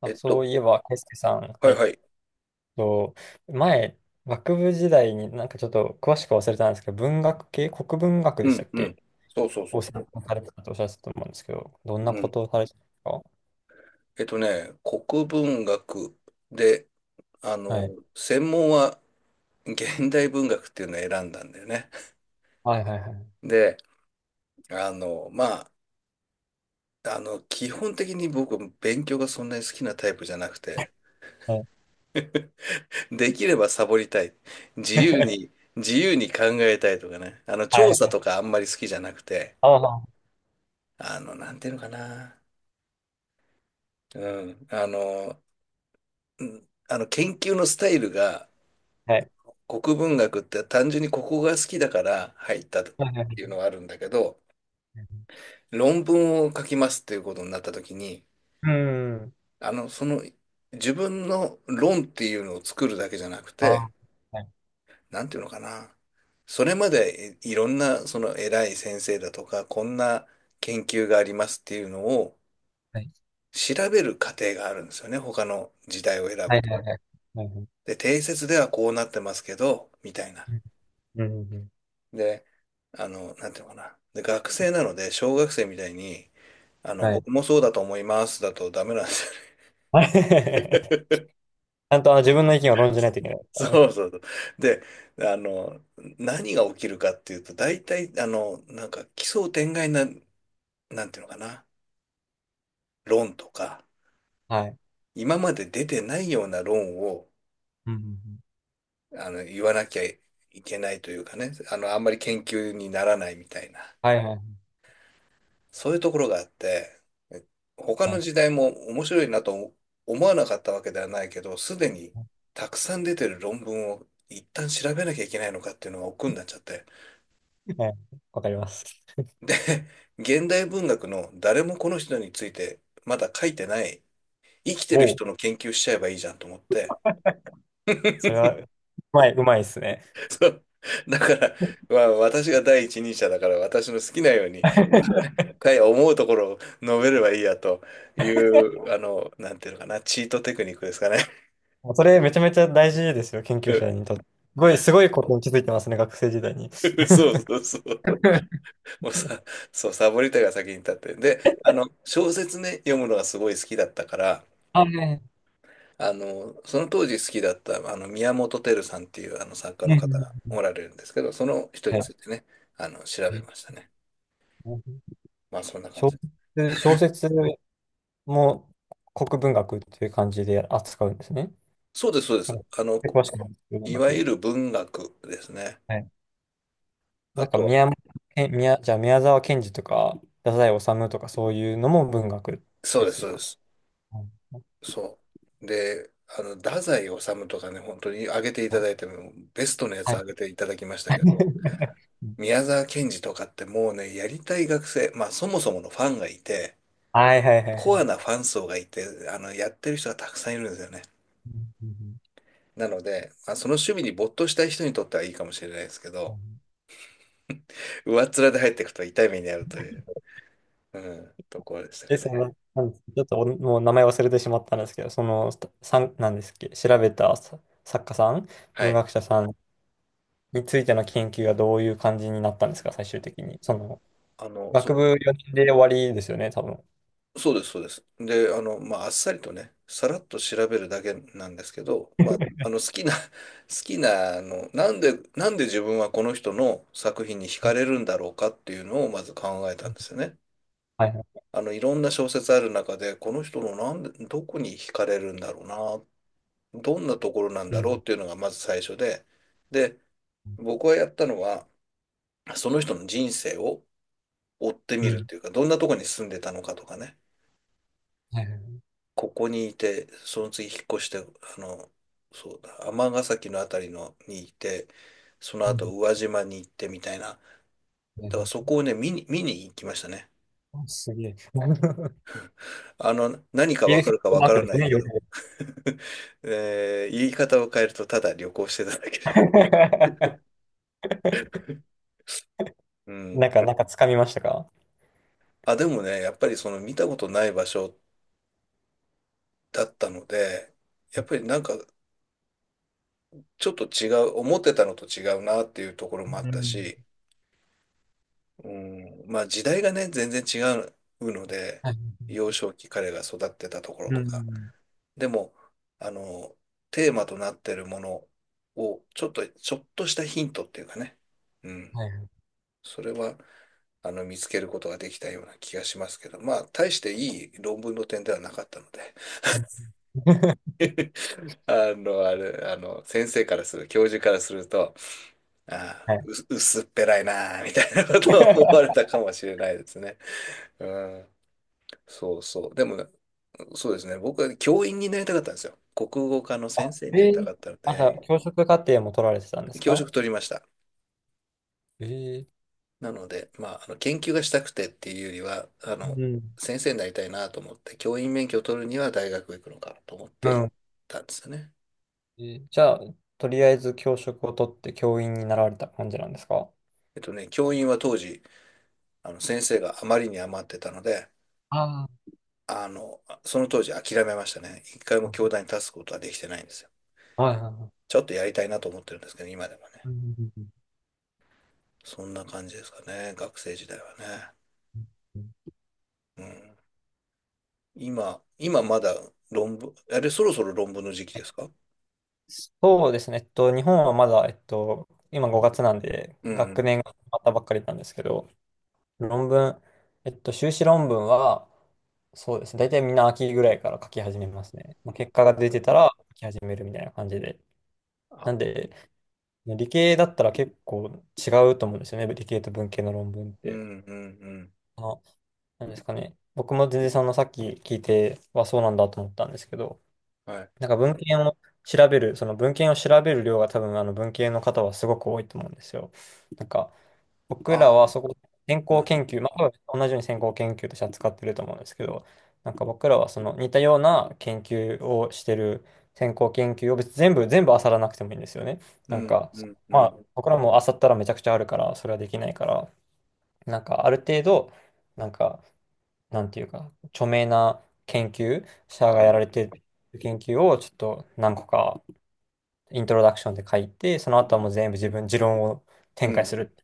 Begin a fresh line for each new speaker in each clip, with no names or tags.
ま
え
あ、
っ
そう
と、
いえば、ケイスケさん、
は
は
い
い、
はい。
と、前、学部時代にちょっと詳しく忘れたんですけど、文学系、国文学
う
でした
ん、
っ
う
け、
ん。そうそうそ
を
うそ
専
う。
攻されてたとおっしゃってたと思うんですけど、どんな
う
こ
ん。
とをされてたんですか？
国文学で、あ
は
の、
い。
専門は現代文学っていうのを選んだんだよね。
はいはいはい。
で、まあ、基本的に僕、勉強がそんなに好きなタイプじゃなくて、
はい。
できればサボりたい。自由に、自由に考えたいとかね。
は
調査
い。
とかあんまり好きじゃなくて、
あ、まあま
なんていうのかな。うん。研究のスタイルが、
あ、はい。
国文学って単純にここが好きだから入ったって
はいはいは
いう
い。
のはあるんだけど、論文を書きますっていうことになった時に、
うん。
あの、その自分の論っていうのを作るだけじゃなく
あ、
て、
はい。
なんていうのかな。それまでいろんなその偉い先生だとか、こんな研究がありますっていうのを
はい。
調べる過程があるんですよね。他の時代を選
は
ぶ
い
と。
はいはい。はいはい。
で、定説ではこうなってますけど、みたいな。
うん。うんうん。
で、なんていうのかな。で、学生なので、小学生みたいに、
はい。
僕もそうだと思いますだとダメなんですよ
あれ ち
ね。
ゃんとあの自分の意見を論じないといけないです から
そ
ね。
うそうそう。で、あの、何が起きるかっていうと、大体、なんか奇想天外な、なんていうのかな、論とか、
はい。
今まで出てないような論を、
うんうんうん。
言わなきゃいけないというかね、あんまり研究にならないみたいな。
はいはい
そういうところがあって、え他
は
の
い。
時代も面白いなと思わなかったわけではないけど、すでにたくさん出てる論文を一旦調べなきゃいけないのかっていうのが億劫になっちゃって。
はい、わかります。
で、現代文学の誰もこの人についてまだ書いてない、生きてる
おう。
人の研究しちゃえばいいじゃんと思って。
それは、うまい、うまいですね。
そう。だから、まあ、私が第一人者だから私の好きなように かい思うところを述べればいいやという、なんていうのかな、チートテクニックですかね。
もうそれめちゃめちゃ大事ですよ、研究者にとって。すごい、すごいことに気づいてますね、学生時代に。
そうそうそう。もうさ、そう、サボりたいが先に立って。で、小説ね、読むのがすごい好きだったから、
あ、ね、
その当時好きだった、宮本照さんっていうあの作家の方が
ね、
おられるんですけど、その人に
は
ついてね、調
い。
べ
え、
ましたね。まあ、そんな感
小
じです。
説、小説も国文学っていう感じで扱うんですね。
そうです、そうで
なん
す。
か詳しくないですけど文
いわゆ
学。
る文学ですね。
はい。
あ
なんか
とは、
宮本、え宮、じゃあ宮沢賢治とか、太宰治とかそういうのも文学
そう
で
です、
す
そうで
か？
す。そう。で、太宰治とかね、本当に挙げていただいても、ベストのや
は
つ
い。
挙げていただきましたけど、
は
宮沢賢治とかってもうね、やりたい学生、まあそもそものファンがいて、
いはいはいは
コア
い。
なファン層がいて、やってる人がたくさんいるんですよね。
うんうん
なので、まあ、その趣味に没頭したい人にとってはいいかもしれないですけ
う
ど、
ん。
上っ面で入っていくと痛い目に遭うという、うん、ところでした
で、
か
そ
ね。
の、なんですちょっとおもう名前忘れてしまったんですけど、その、さん、なんですっけ、調べた、さ、作家さん、
は
文
い。
学者さんについての研究がどういう感じになったんですか、最終的に。その、
そ
学部
う。
4年で終わりですよね、多分。
そうです、そうです。で、まあ、あっさりとね、さらっと調べるだけなんですけど、まあ、好きな、好きな、なんで自分はこの人の作品に惹かれるんだろうかっていうのをまず考えたんですよね。
はいはい。
いろんな小説ある中で、この人のなんで、どこに惹かれるんだろうな、どんなところなん
う
だろうっ
ん。
ていうのがまず最初で、で、僕はやったのは、その人の人生を追ってみ
う
るっ
ん。
ていうか、どんなところに住んでたのかとかね。
はいはい。
ここにいて、その次引っ越して、そうだ、尼崎のあたりのにいて、その
う
後
ん。
宇和島に行ってみたいな。
はい
だ
は
からそ
い。
こをね、見に行きましたね。
あ、すげえ。
何か
ビ
わ
ルフ
か
ィッ
るか
ト
わ
マー
か
ク
ら
です
ない
ね、
け
よく。
ど、言い方を変えるとただ旅行してただけだ。うん。
なんか、なんか掴みましたか？
あ、でもね、やっぱりその見たことない場所だったので、やっぱりなんかちょっと違う、思ってたのと違うなっていうところもあ
う
った
ん。
し、うん、まあ時代がね、全然違うので、
はい。
幼少期彼が育ってたところ
う
とか。
ん。
でも、あの、テーマとなってるものを、ちょっとしたヒントっていうかね。うん。
はいはい。
それは、見つけることができたような気がしますけど、まあ、大していい論文の点ではなかったので、
うん。
あの、あれ、あの、先生からする、教授からすると、あ
は
あ、
い。
薄っぺらいなあ、みたいなことを思われ たかもしれないですね。うん。そうそう。でもね、そうですね。僕は教員になりたかったんですよ。国語科の
あ、
先生になり
え
た
ー、
かったの
あ、じゃあ、
で、
教職課程も取られてたんです
教
か？
職取りました。
えー、
なので、まあ、研究がしたくてっていうよりは、
うん。
先生になりたいなと思って、教員免許を取るには大学行くのかと思っ
う
て行っ
ん。
たんですよね。
えー、じゃあ、とりあえず教職を取って教員になられた感じなんですか？
教員は当時、先生があまりに余ってたので、
あ、
あの、その当時諦めましたね。一回
あ
も教
ー、
壇に立つことはできてないんですよ。
はいはいはい。
ちょっとやりたいなと思ってるんですけど、今でもね。
うんうんうん。
そんな感じですかね、学生時代はね。
うん。
うん。今まだ論文、そろそろ論文の時期ですか？
そうですね。日本はまだ、今5月なんで、
うんう
学
ん。
年が始まったばっかりなんですけど、論文、修士論文は、そうですね。大体みんな秋ぐらいから書き始めますね。まあ、結果
お
が出て
ー
たら書き始めるみたいな感じで。
あ、
なんで、理系だったら結構違うと思うんですよね、理系と文系の論文っ
う
て。
んうんうん。
あの、なんですかね。僕も全然、そのさっき聞いてはそうなんだと思ったんですけど、
はい。
文献を調べる、その文献を調べる量が多分あの文系の方はすごく多いと思うんですよ。なんか、僕
あ
ら
ー、
はそこ、先
う
行
ん
研究、まあ、多分同じように先行研究として扱ってると思うんですけど、なんか僕らはその似たような研究をしてる先行研究を別に全部、全部漁らなくてもいいんですよね。
う
なん
ん
か、
うんう
まあ、
ん。
僕らも漁ったらめちゃくちゃあるから、それはできないから、なんかある程度、なんか、なんていうか、著名な研究者が
は
や
い。
られてる研究をちょっと何個かイントロダクションで書いて、その
う
後は
ん
もう全部自分、持論を
う
展開す
ん
る。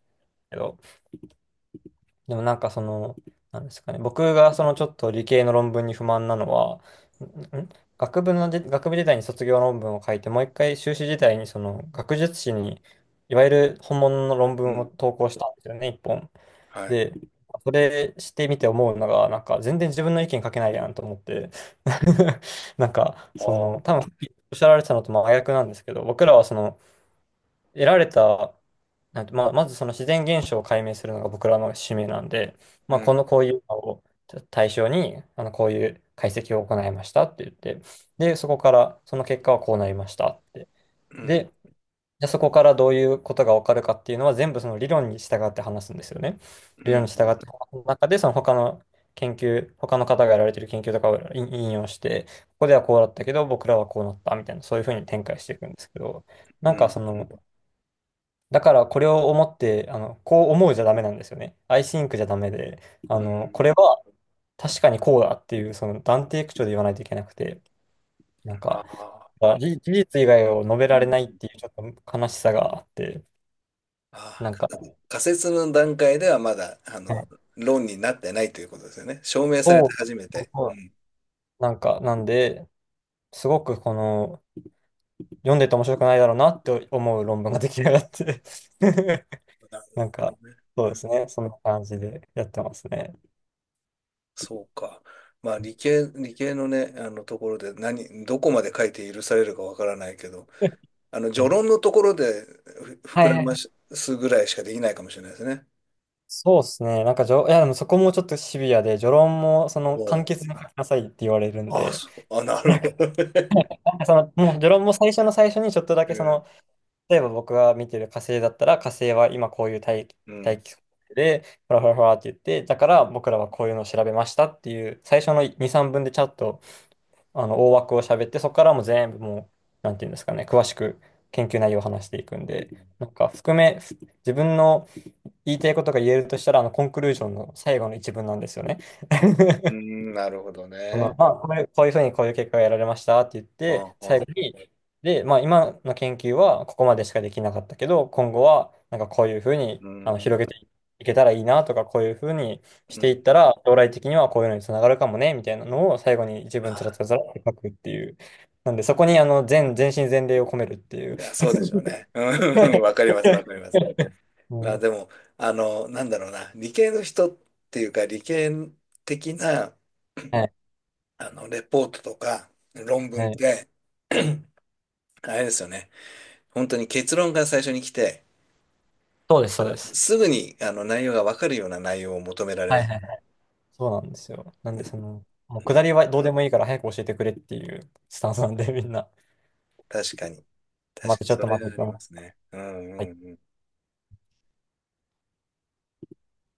でもなんかその、なんですかね、僕がそのちょっと理系の論文に不満なのは、んん学部ので、学部時代に卒業論文を書いて、もう一回修士時代にその学術誌に、いわゆる本物の論
う
文を
ん。
投稿したんですよね、一本。
はい。
で、それしてみて思うのが、なんか全然自分の意見書けないやんと思って、なんか、
あ
その、
あ、
多分さっきおっしゃられてたのと真逆なんですけど、僕らはその、得られた、なんて、まあ、まずその自然現象を解明するのが僕らの使命なんで、まあ、
う
こ
ん
の、こういうのを対象に、あの、こういう解析を行いましたって言って、で、そこから、その結果はこうなりましたって。
うん
で、じゃあそこからどういうことがわかるかっていうのは全部その理論に従って話すんですよね。
う
理論に従
ん
って、その中でその他の研究、他の方がやられてる研究とかを引用して、ここではこうだったけど、僕らはこうなったみたいな、そういうふうに展開していくんですけど、な
う
ん
んう
か
ん
そ
う
の、
ん。
だからこれを思って、あの、こう思うじゃダメなんですよね。I think じゃダメで、あの、これは確かにこうだっていう、その断定口調で言わないといけなくて、なん
あ
か、
あ、
あ、事実以外を述べ
う
ら
ん
れない
う
っ
ん。
ていうちょっと悲しさがあって、
あ
なんか、
ー、仮説の段階ではまだ、
うん。
論になってないということですよね。証明されて
そ
初め
う、
て。
そ
うん。
う。なんか、なんで、すごくこの、読んでて面白くないだろうなって思う論文が出来上がって。
なる
なん
ほ
か、
どね。
そう
う
です
ん。
ね、そんな感じでやってますね。
そうか。まあ理 系、理系のね、あのところでどこまで書いて許されるかわからないけど、あの
は
序
い
論のところで膨
はい
ら
は
ま
い。
すぐらいしかできないかもしれないですね。
そうですね。なんかじょ、いや、でもそこもちょっとシビアで、序論も、そ
お
の、簡
う。
潔に書きなさいって言われるん
あ、
で、
そう。あ、なる
なんか、
ほどね。
なんかその、もう序論も最初の最初にちょっとだ け、
う
その、
ん、
例えば僕が見てる火星だったら、火星は今こういう大気、
うん、
大気層で、ふらふらふらって言って、だから僕らはこういうのを調べましたっていう、最初の2、3分でちゃんと、あの、大枠を喋って、そこからもう全部もう、なんていうんですかね、詳しく研究内容を話していくんで、なんか、含め、自分の、言いたいことが言えるとしたら、あの、コンクルージョンの最後の一文なんですよね。
う ん、なるほど
そ
ね。
の、まあ、これ、こういうふうにこういう結果が得られましたって言っ
あ
て、最
あ、
後に、で、まあ、今の研究はここまでしかできなかったけど、今後は、なんかこういうふうに、
う
あの、
ん、
広げていけたらいいなとか、こういうふうにし
う
てい
ん。
ったら、将来的にはこういうのにつながるかもね、みたいなのを最後に一文つら
あ、
つらつらって書くっていう。なんで、そこに、あの、全身全霊を込めるっていう。
いや、そうでしょうね。うん。 わかります、わかります。
う
まあ
ん。
でも、なんだろうな、理系の人っていうか、理系的な、
はい、
レポートとか論文っ
はい。
て、あれですよね。本当に結論が最初に来て、
そうです、そうです。
すぐにあの内容がわかるような内容を求められ
は
ま
い
す。
はい。そうなんですよ。なん
う
で、
ん、
その、もう
う
下りは
ん、
どうでもいいから早く教えてくれっていうスタンスなんで、みんな。
確かに。
待っ
確
て、
か
ち
に、
ょっ
そ
と
れ
待っ
はあ
て、
りま
は
すね。うんうん
い
うん。